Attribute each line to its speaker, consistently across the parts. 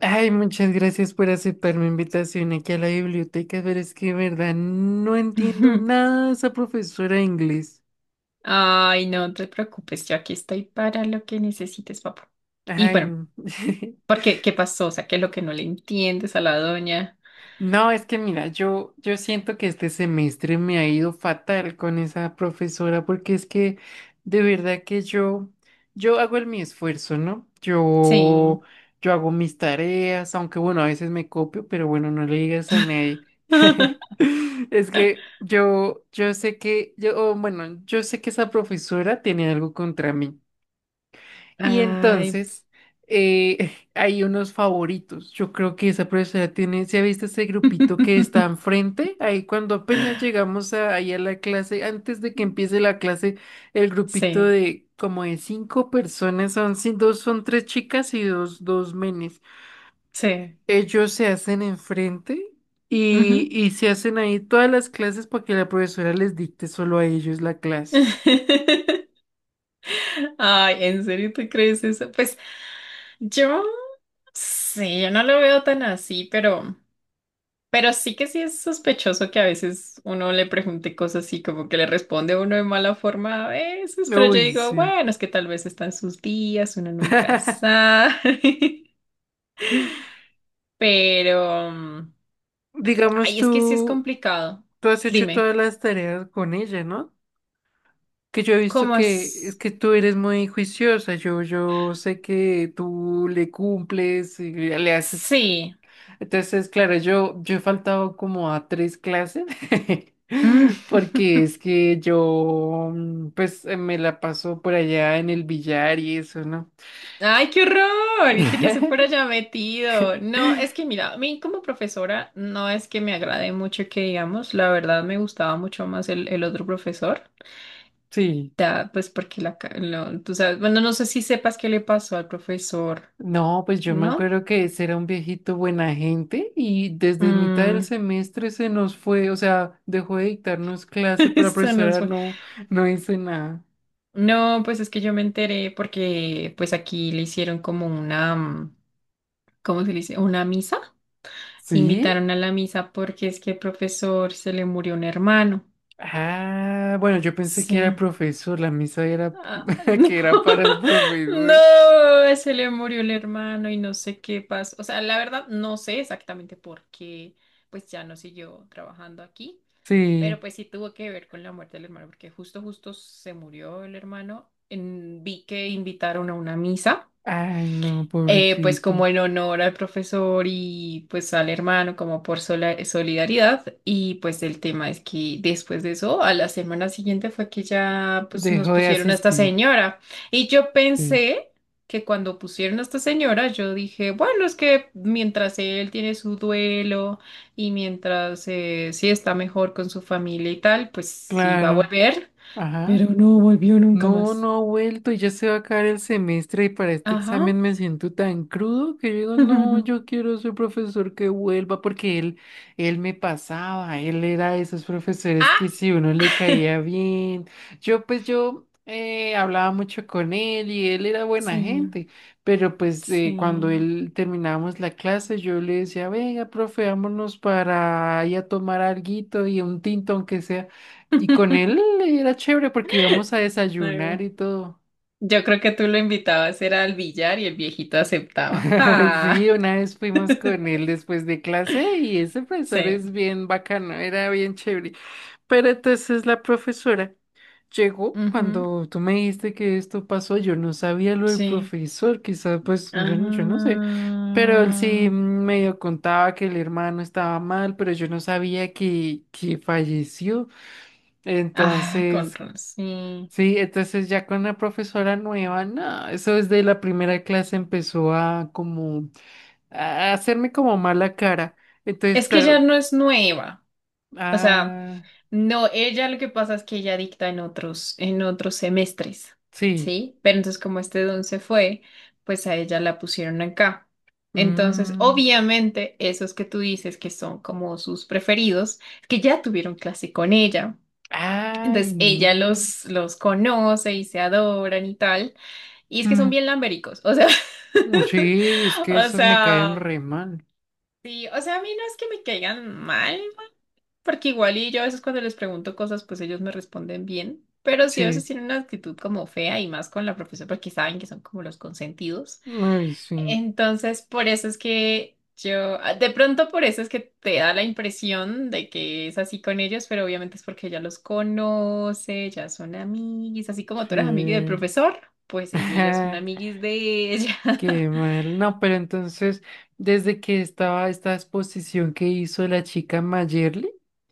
Speaker 1: Ay, muchas gracias por aceptar mi invitación aquí a la biblioteca, pero es que, de verdad, no entiendo
Speaker 2: Ujú.
Speaker 1: nada de esa profesora de inglés.
Speaker 2: Ay, no te preocupes, yo aquí estoy para lo que necesites, papá. Y
Speaker 1: Ay,
Speaker 2: bueno, ¿por qué? ¿Qué pasó? O sea, ¿qué es lo que no le entiendes a la doña?
Speaker 1: No, es que mira, yo siento que este semestre me ha ido fatal con esa profesora porque es que de verdad que yo hago el mi esfuerzo, ¿no? Yo,
Speaker 2: Sí.
Speaker 1: yo hago mis tareas, aunque bueno, a veces me copio, pero bueno, no le digas a nadie. Es que yo sé que, yo, o bueno, yo sé que esa profesora tiene algo contra mí. Y
Speaker 2: Ay.
Speaker 1: entonces hay unos favoritos. Yo creo que esa profesora tiene, ¿se ha visto ese grupito que está enfrente? Ahí cuando apenas llegamos a, ahí a la clase, antes de que empiece la clase, el grupito
Speaker 2: Sí,
Speaker 1: de como de cinco personas, son, sí, dos son tres chicas y dos menes.
Speaker 2: sí.
Speaker 1: Ellos se hacen enfrente
Speaker 2: Ujú.
Speaker 1: y se hacen ahí todas las clases para que la profesora les dicte solo a ellos la clase.
Speaker 2: Ay, ¿en serio te crees eso? Pues yo, sí, yo no lo veo tan así, pero... Pero sí que sí es sospechoso que a veces uno le pregunte cosas así, como que le responde uno de mala forma a veces, pero yo
Speaker 1: Uy,
Speaker 2: digo,
Speaker 1: sí.
Speaker 2: bueno, es que tal vez están sus días, uno nunca sabe. Pero,
Speaker 1: Digamos
Speaker 2: ay, es que sí es
Speaker 1: tú.
Speaker 2: complicado.
Speaker 1: Tú has hecho
Speaker 2: Dime,
Speaker 1: todas las tareas con ella, ¿no? Que yo he visto
Speaker 2: ¿cómo
Speaker 1: que es
Speaker 2: es?
Speaker 1: que tú eres muy juiciosa, yo sé que tú le cumples y le haces.
Speaker 2: Sí.
Speaker 1: Entonces, claro, yo he faltado como a tres clases,
Speaker 2: Mm.
Speaker 1: porque es que yo, me la paso por allá en el billar y eso, ¿no?
Speaker 2: Ay, qué horror. ¿Y tú qué hace por allá metido? No, es que mira, a mí como profesora no es que me agrade mucho que digamos, la verdad me gustaba mucho más el otro profesor.
Speaker 1: Sí.
Speaker 2: Ya, pues porque la, ca- lo- tú sabes, bueno, no sé si sepas qué le pasó al profesor,
Speaker 1: No, pues yo me
Speaker 2: ¿no?
Speaker 1: acuerdo que ese era un viejito buena gente y desde mitad del
Speaker 2: Mm,
Speaker 1: semestre se nos fue, o sea, dejó de dictarnos clase, pero la
Speaker 2: eso no
Speaker 1: profesora
Speaker 2: fue.
Speaker 1: no, no hizo nada.
Speaker 2: No, pues es que yo me enteré porque pues aquí le hicieron como una, ¿cómo se le dice? Una misa.
Speaker 1: ¿Sí?
Speaker 2: Invitaron a la misa porque es que el profesor se le murió un hermano.
Speaker 1: Ah, bueno, yo pensé que era
Speaker 2: Sí.
Speaker 1: profesor, la misa era
Speaker 2: Ah, no,
Speaker 1: que era para el profesor.
Speaker 2: no, se le murió el hermano y no sé qué pasó. O sea, la verdad no sé exactamente por qué, pues ya no siguió trabajando aquí, pero
Speaker 1: Sí.
Speaker 2: pues sí tuvo que ver con la muerte del hermano, porque justo, justo se murió el hermano. En- vi que invitaron a una misa
Speaker 1: Ay, no,
Speaker 2: pues
Speaker 1: pobrecito.
Speaker 2: como en honor al profesor y pues al hermano, como por solidaridad. Y pues el tema es que después de eso, a la semana siguiente fue que ya pues nos
Speaker 1: Dejó de
Speaker 2: pusieron a esta
Speaker 1: asistir.
Speaker 2: señora. Y yo
Speaker 1: Sí.
Speaker 2: pensé que cuando pusieron a esta señora, yo dije, bueno, es que mientras él tiene su duelo y mientras sí está mejor con su familia y tal, pues sí va a
Speaker 1: Claro.
Speaker 2: volver.
Speaker 1: Ajá.
Speaker 2: Pero no volvió nunca
Speaker 1: No,
Speaker 2: más.
Speaker 1: no ha vuelto y ya se va a acabar el semestre y para este
Speaker 2: Ajá.
Speaker 1: examen me siento tan crudo que yo digo, no, yo quiero ser profesor que vuelva porque él me pasaba, él era de esos profesores que
Speaker 2: Ah,
Speaker 1: si uno le caía bien, yo hablaba mucho con él y él era buena
Speaker 2: sí,
Speaker 1: gente, pero
Speaker 2: sí.
Speaker 1: cuando él terminábamos la clase yo le decía, venga, profe, vámonos para ir a tomar alguito y un tinto aunque sea. Y con él era chévere porque íbamos a desayunar
Speaker 2: No.
Speaker 1: y todo.
Speaker 2: Yo creo que tú lo invitabas era al billar y el viejito aceptaba. Ah,
Speaker 1: Sí, una vez fuimos con él después de clase y ese profesor
Speaker 2: sí.
Speaker 1: es bien bacano, era bien chévere. Pero entonces la profesora llegó
Speaker 2: Ujú,
Speaker 1: cuando tú me dijiste que esto pasó, yo no sabía lo del
Speaker 2: sí.
Speaker 1: profesor, quizás pues yo, yo no sé, pero él sí
Speaker 2: Ah,
Speaker 1: medio contaba que el hermano estaba mal, pero yo no sabía que falleció.
Speaker 2: ah, con
Speaker 1: Entonces,
Speaker 2: razón, sí.
Speaker 1: sí, entonces ya con la profesora nueva, no, eso desde la primera clase empezó a como a hacerme como mala cara. Entonces,
Speaker 2: Es que ya
Speaker 1: claro,
Speaker 2: no es nueva. O sea,
Speaker 1: ah,
Speaker 2: no, ella lo que pasa es que ella dicta en otros semestres,
Speaker 1: sí.
Speaker 2: ¿sí? Pero entonces como este don se fue, pues a ella la pusieron acá. Entonces,
Speaker 1: mm,
Speaker 2: obviamente, esos que tú dices que son como sus preferidos, que ya tuvieron clase con ella.
Speaker 1: ay,
Speaker 2: Entonces, ella
Speaker 1: no.
Speaker 2: los conoce y se adoran y tal. Y es que son
Speaker 1: mm,
Speaker 2: bien lambéricos, o sea,
Speaker 1: sí, es que
Speaker 2: o
Speaker 1: esas me caen
Speaker 2: sea,
Speaker 1: re mal.
Speaker 2: sí, o sea, a mí no es que me caigan mal, porque igual y yo a veces cuando les pregunto cosas, pues ellos me responden bien, pero sí a veces
Speaker 1: Sí.
Speaker 2: tienen una actitud como fea y más con la profesora porque saben que son como los consentidos.
Speaker 1: Ay, sí.
Speaker 2: Entonces, por eso es que yo, ah, de pronto por eso es que te da la impresión de que es así con ellos, pero obviamente es porque ya los conoce, ya son amiguis, así como tú eras amiga del
Speaker 1: Sí.
Speaker 2: profesor, pues ellos ya son
Speaker 1: Ajá,
Speaker 2: amiguis de ella.
Speaker 1: qué mal. No, pero entonces, desde que estaba esta exposición que hizo la chica Mayerly.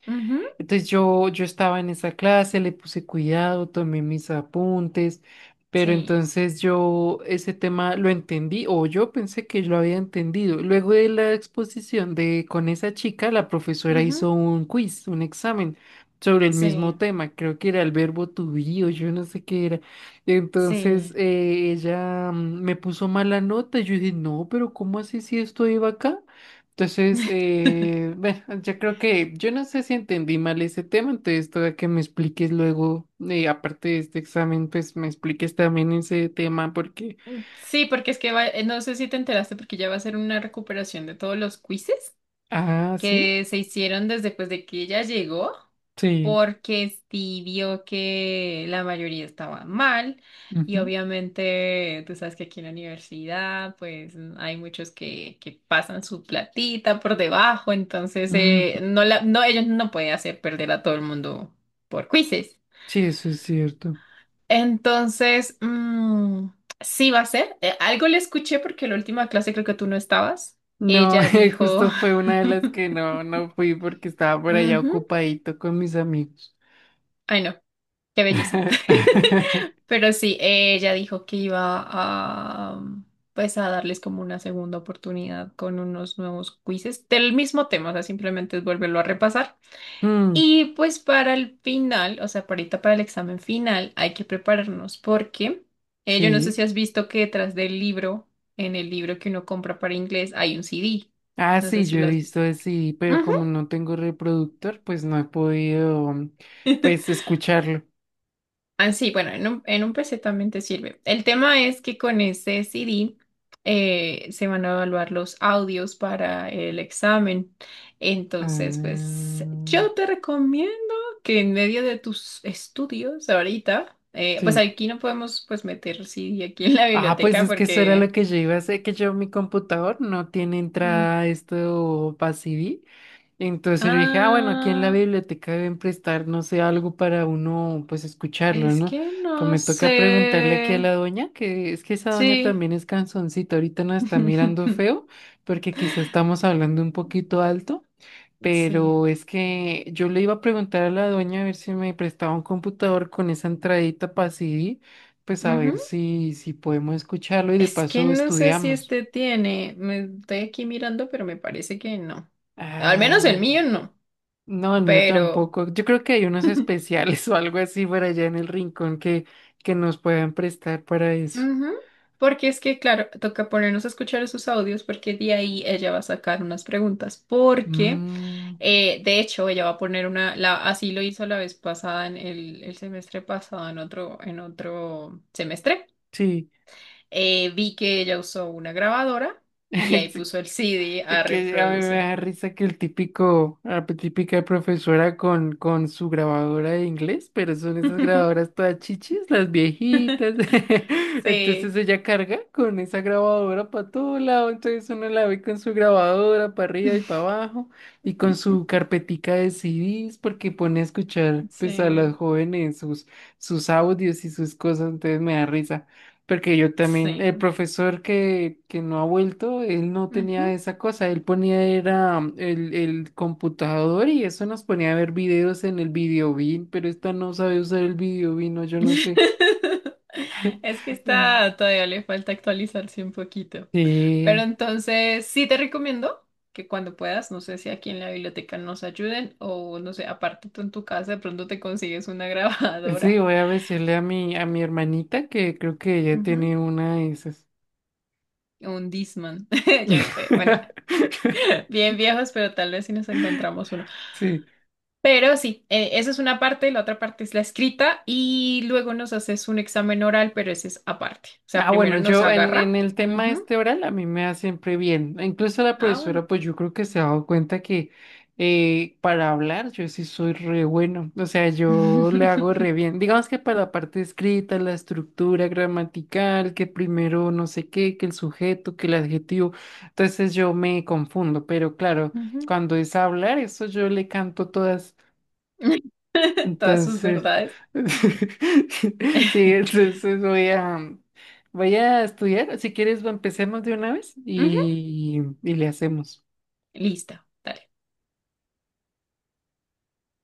Speaker 2: Ujú,
Speaker 1: Entonces yo estaba en esa clase, le puse cuidado, tomé mis apuntes, pero
Speaker 2: sí,
Speaker 1: entonces yo ese tema lo entendí o yo pensé que lo había entendido. Luego de la exposición de con esa chica, la profesora hizo
Speaker 2: ujú,
Speaker 1: un quiz, un examen sobre el mismo
Speaker 2: sí,
Speaker 1: tema, creo que era el verbo to be o yo no sé qué era.
Speaker 2: sí.
Speaker 1: Entonces ella me puso mala nota, yo dije, no, pero ¿cómo así si esto iba acá? Entonces, bueno, yo creo que yo no sé si entendí mal ese tema, entonces toda que me expliques luego, aparte de este examen, pues me expliques también ese tema porque,
Speaker 2: Mm, sí, porque es que no sé si te enteraste, porque ya va a ser una recuperación de todos los quizzes
Speaker 1: ah, sí,
Speaker 2: que se hicieron desde pues, de que ella llegó,
Speaker 1: sí,
Speaker 2: porque sí vio que la mayoría estaba mal y
Speaker 1: ujú,
Speaker 2: obviamente tú sabes que aquí en la universidad pues hay muchos que pasan su platita por debajo, entonces
Speaker 1: ujú,
Speaker 2: no la, no, ellos no pueden hacer perder a todo el mundo por quizzes.
Speaker 1: sí, eso es cierto.
Speaker 2: Entonces, sí va a ser. Algo le escuché porque la última clase creo que tú no estabas.
Speaker 1: No,
Speaker 2: Ella dijo,
Speaker 1: justo fue una de las que no, no fui porque estaba por allá
Speaker 2: ujú,
Speaker 1: ocupadito con mis amigos.
Speaker 2: ay, no, qué belleza. Pero sí, ella dijo que iba a, pues, a darles como una segunda oportunidad con unos nuevos quizzes del mismo tema. O sea, simplemente es volverlo a repasar.
Speaker 1: Mm,
Speaker 2: Y pues para el final, o sea, para ahorita para el examen final, hay que prepararnos porque yo no sé
Speaker 1: sí.
Speaker 2: si has visto que detrás del libro, en el libro que uno compra para inglés, hay un CD.
Speaker 1: Ah,
Speaker 2: No sé
Speaker 1: sí,
Speaker 2: si
Speaker 1: yo he
Speaker 2: lo has
Speaker 1: visto
Speaker 2: visto.
Speaker 1: así, pero
Speaker 2: Ujú.
Speaker 1: como no tengo reproductor, pues no he podido, pues, escucharlo.
Speaker 2: Ah, sí, bueno, en un PC también te sirve. El tema es que con ese CD se van a evaluar los audios para el examen. Entonces, pues
Speaker 1: Ah,
Speaker 2: yo te recomiendo que en medio de tus estudios ahorita, pues
Speaker 1: sí.
Speaker 2: aquí no podemos pues meter CD aquí en la
Speaker 1: Ah, pues
Speaker 2: biblioteca
Speaker 1: es que eso era lo
Speaker 2: porque...
Speaker 1: que yo iba a hacer, que yo mi computador no tiene
Speaker 2: Mm,
Speaker 1: entrada esto para CD. Entonces yo dije, ah, bueno, aquí en la
Speaker 2: ah,
Speaker 1: biblioteca deben prestar, no sé, algo para uno, pues escucharlo,
Speaker 2: es
Speaker 1: ¿no?
Speaker 2: que
Speaker 1: Pues
Speaker 2: no
Speaker 1: me toca preguntarle aquí a
Speaker 2: sé.
Speaker 1: la doña, que es que esa doña
Speaker 2: Sí.
Speaker 1: también es canzoncita, ahorita nos está mirando feo, porque quizás estamos hablando un poquito alto.
Speaker 2: Sí.
Speaker 1: Pero es que yo le iba a preguntar a la dueña a ver si me prestaba un computador con esa entradita para CD, pues a ver
Speaker 2: Ujú.
Speaker 1: si, si podemos escucharlo y de
Speaker 2: Es que
Speaker 1: paso
Speaker 2: no sé si
Speaker 1: estudiamos.
Speaker 2: este tiene. Me estoy aquí mirando, pero me parece que no. Al menos el
Speaker 1: Ah,
Speaker 2: mío no.
Speaker 1: no, el mío
Speaker 2: Pero.
Speaker 1: tampoco. Yo creo que hay unos especiales o algo así por allá en el rincón que nos puedan prestar para eso.
Speaker 2: Ujú, porque es que, claro, toca ponernos a escuchar esos audios porque de ahí ella va a sacar unas preguntas. Porque,
Speaker 1: Mm,
Speaker 2: de hecho, ella va a poner una, la, así lo hizo la vez pasada, en el semestre pasado, en otro semestre.
Speaker 1: sí,
Speaker 2: Vi que ella usó una grabadora y ahí puso el CD a
Speaker 1: es que a mí me
Speaker 2: reproducir.
Speaker 1: da risa que la típica profesora con su grabadora de inglés, pero son esas grabadoras todas chichis, las viejitas. Entonces
Speaker 2: Sí.
Speaker 1: ella carga con esa grabadora para todo lado, entonces uno la ve con su grabadora para arriba y para abajo y con su carpetica de CDs porque pone a escuchar pues a
Speaker 2: Sí,
Speaker 1: las jóvenes sus, sus audios y sus cosas, entonces me da risa. Porque yo también,
Speaker 2: sí.
Speaker 1: el profesor que no ha vuelto, él no tenía
Speaker 2: Ujú.
Speaker 1: esa cosa, él ponía era el computador y eso nos ponía a ver videos en el videobean, pero esta no sabe usar el videobean, no, yo no sé.
Speaker 2: Es que
Speaker 1: Mm.
Speaker 2: está, todavía le falta actualizarse un poquito. Pero
Speaker 1: Sí,
Speaker 2: entonces, sí te recomiendo que cuando puedas, no sé si aquí en la biblioteca nos ayuden o no sé, aparte tú en tu casa de pronto te consigues una
Speaker 1: sí,
Speaker 2: grabadora.
Speaker 1: voy a decirle a mi hermanita que creo que ella
Speaker 2: Ujú.
Speaker 1: tiene una de esas.
Speaker 2: Un Discman, ya no sé. Bueno, bien viejos, pero tal vez si nos encontramos uno.
Speaker 1: Sí,
Speaker 2: Pero sí, esa es una parte, la otra parte es la escrita y luego nos haces un examen oral, pero ese es aparte. O sea,
Speaker 1: ah, bueno,
Speaker 2: primero nos
Speaker 1: yo en
Speaker 2: agarra.
Speaker 1: el tema
Speaker 2: Ujú.
Speaker 1: este oral a mí me da siempre bien. Incluso la
Speaker 2: Ah, bueno.
Speaker 1: profesora, pues yo creo que se ha dado cuenta que para hablar yo sí soy re bueno. O sea, yo le hago re bien. Digamos que para la parte escrita, la estructura gramatical, que primero no sé qué, que el sujeto, que el adjetivo. Entonces yo me confundo, pero claro,
Speaker 2: Ujú.
Speaker 1: cuando es hablar, eso yo le canto todas.
Speaker 2: Todas sus
Speaker 1: Entonces,
Speaker 2: verdades.
Speaker 1: sí, entonces voy a, voy a estudiar. Si quieres, empecemos de una vez
Speaker 2: Ujú.
Speaker 1: y le hacemos.
Speaker 2: Listo. Dale.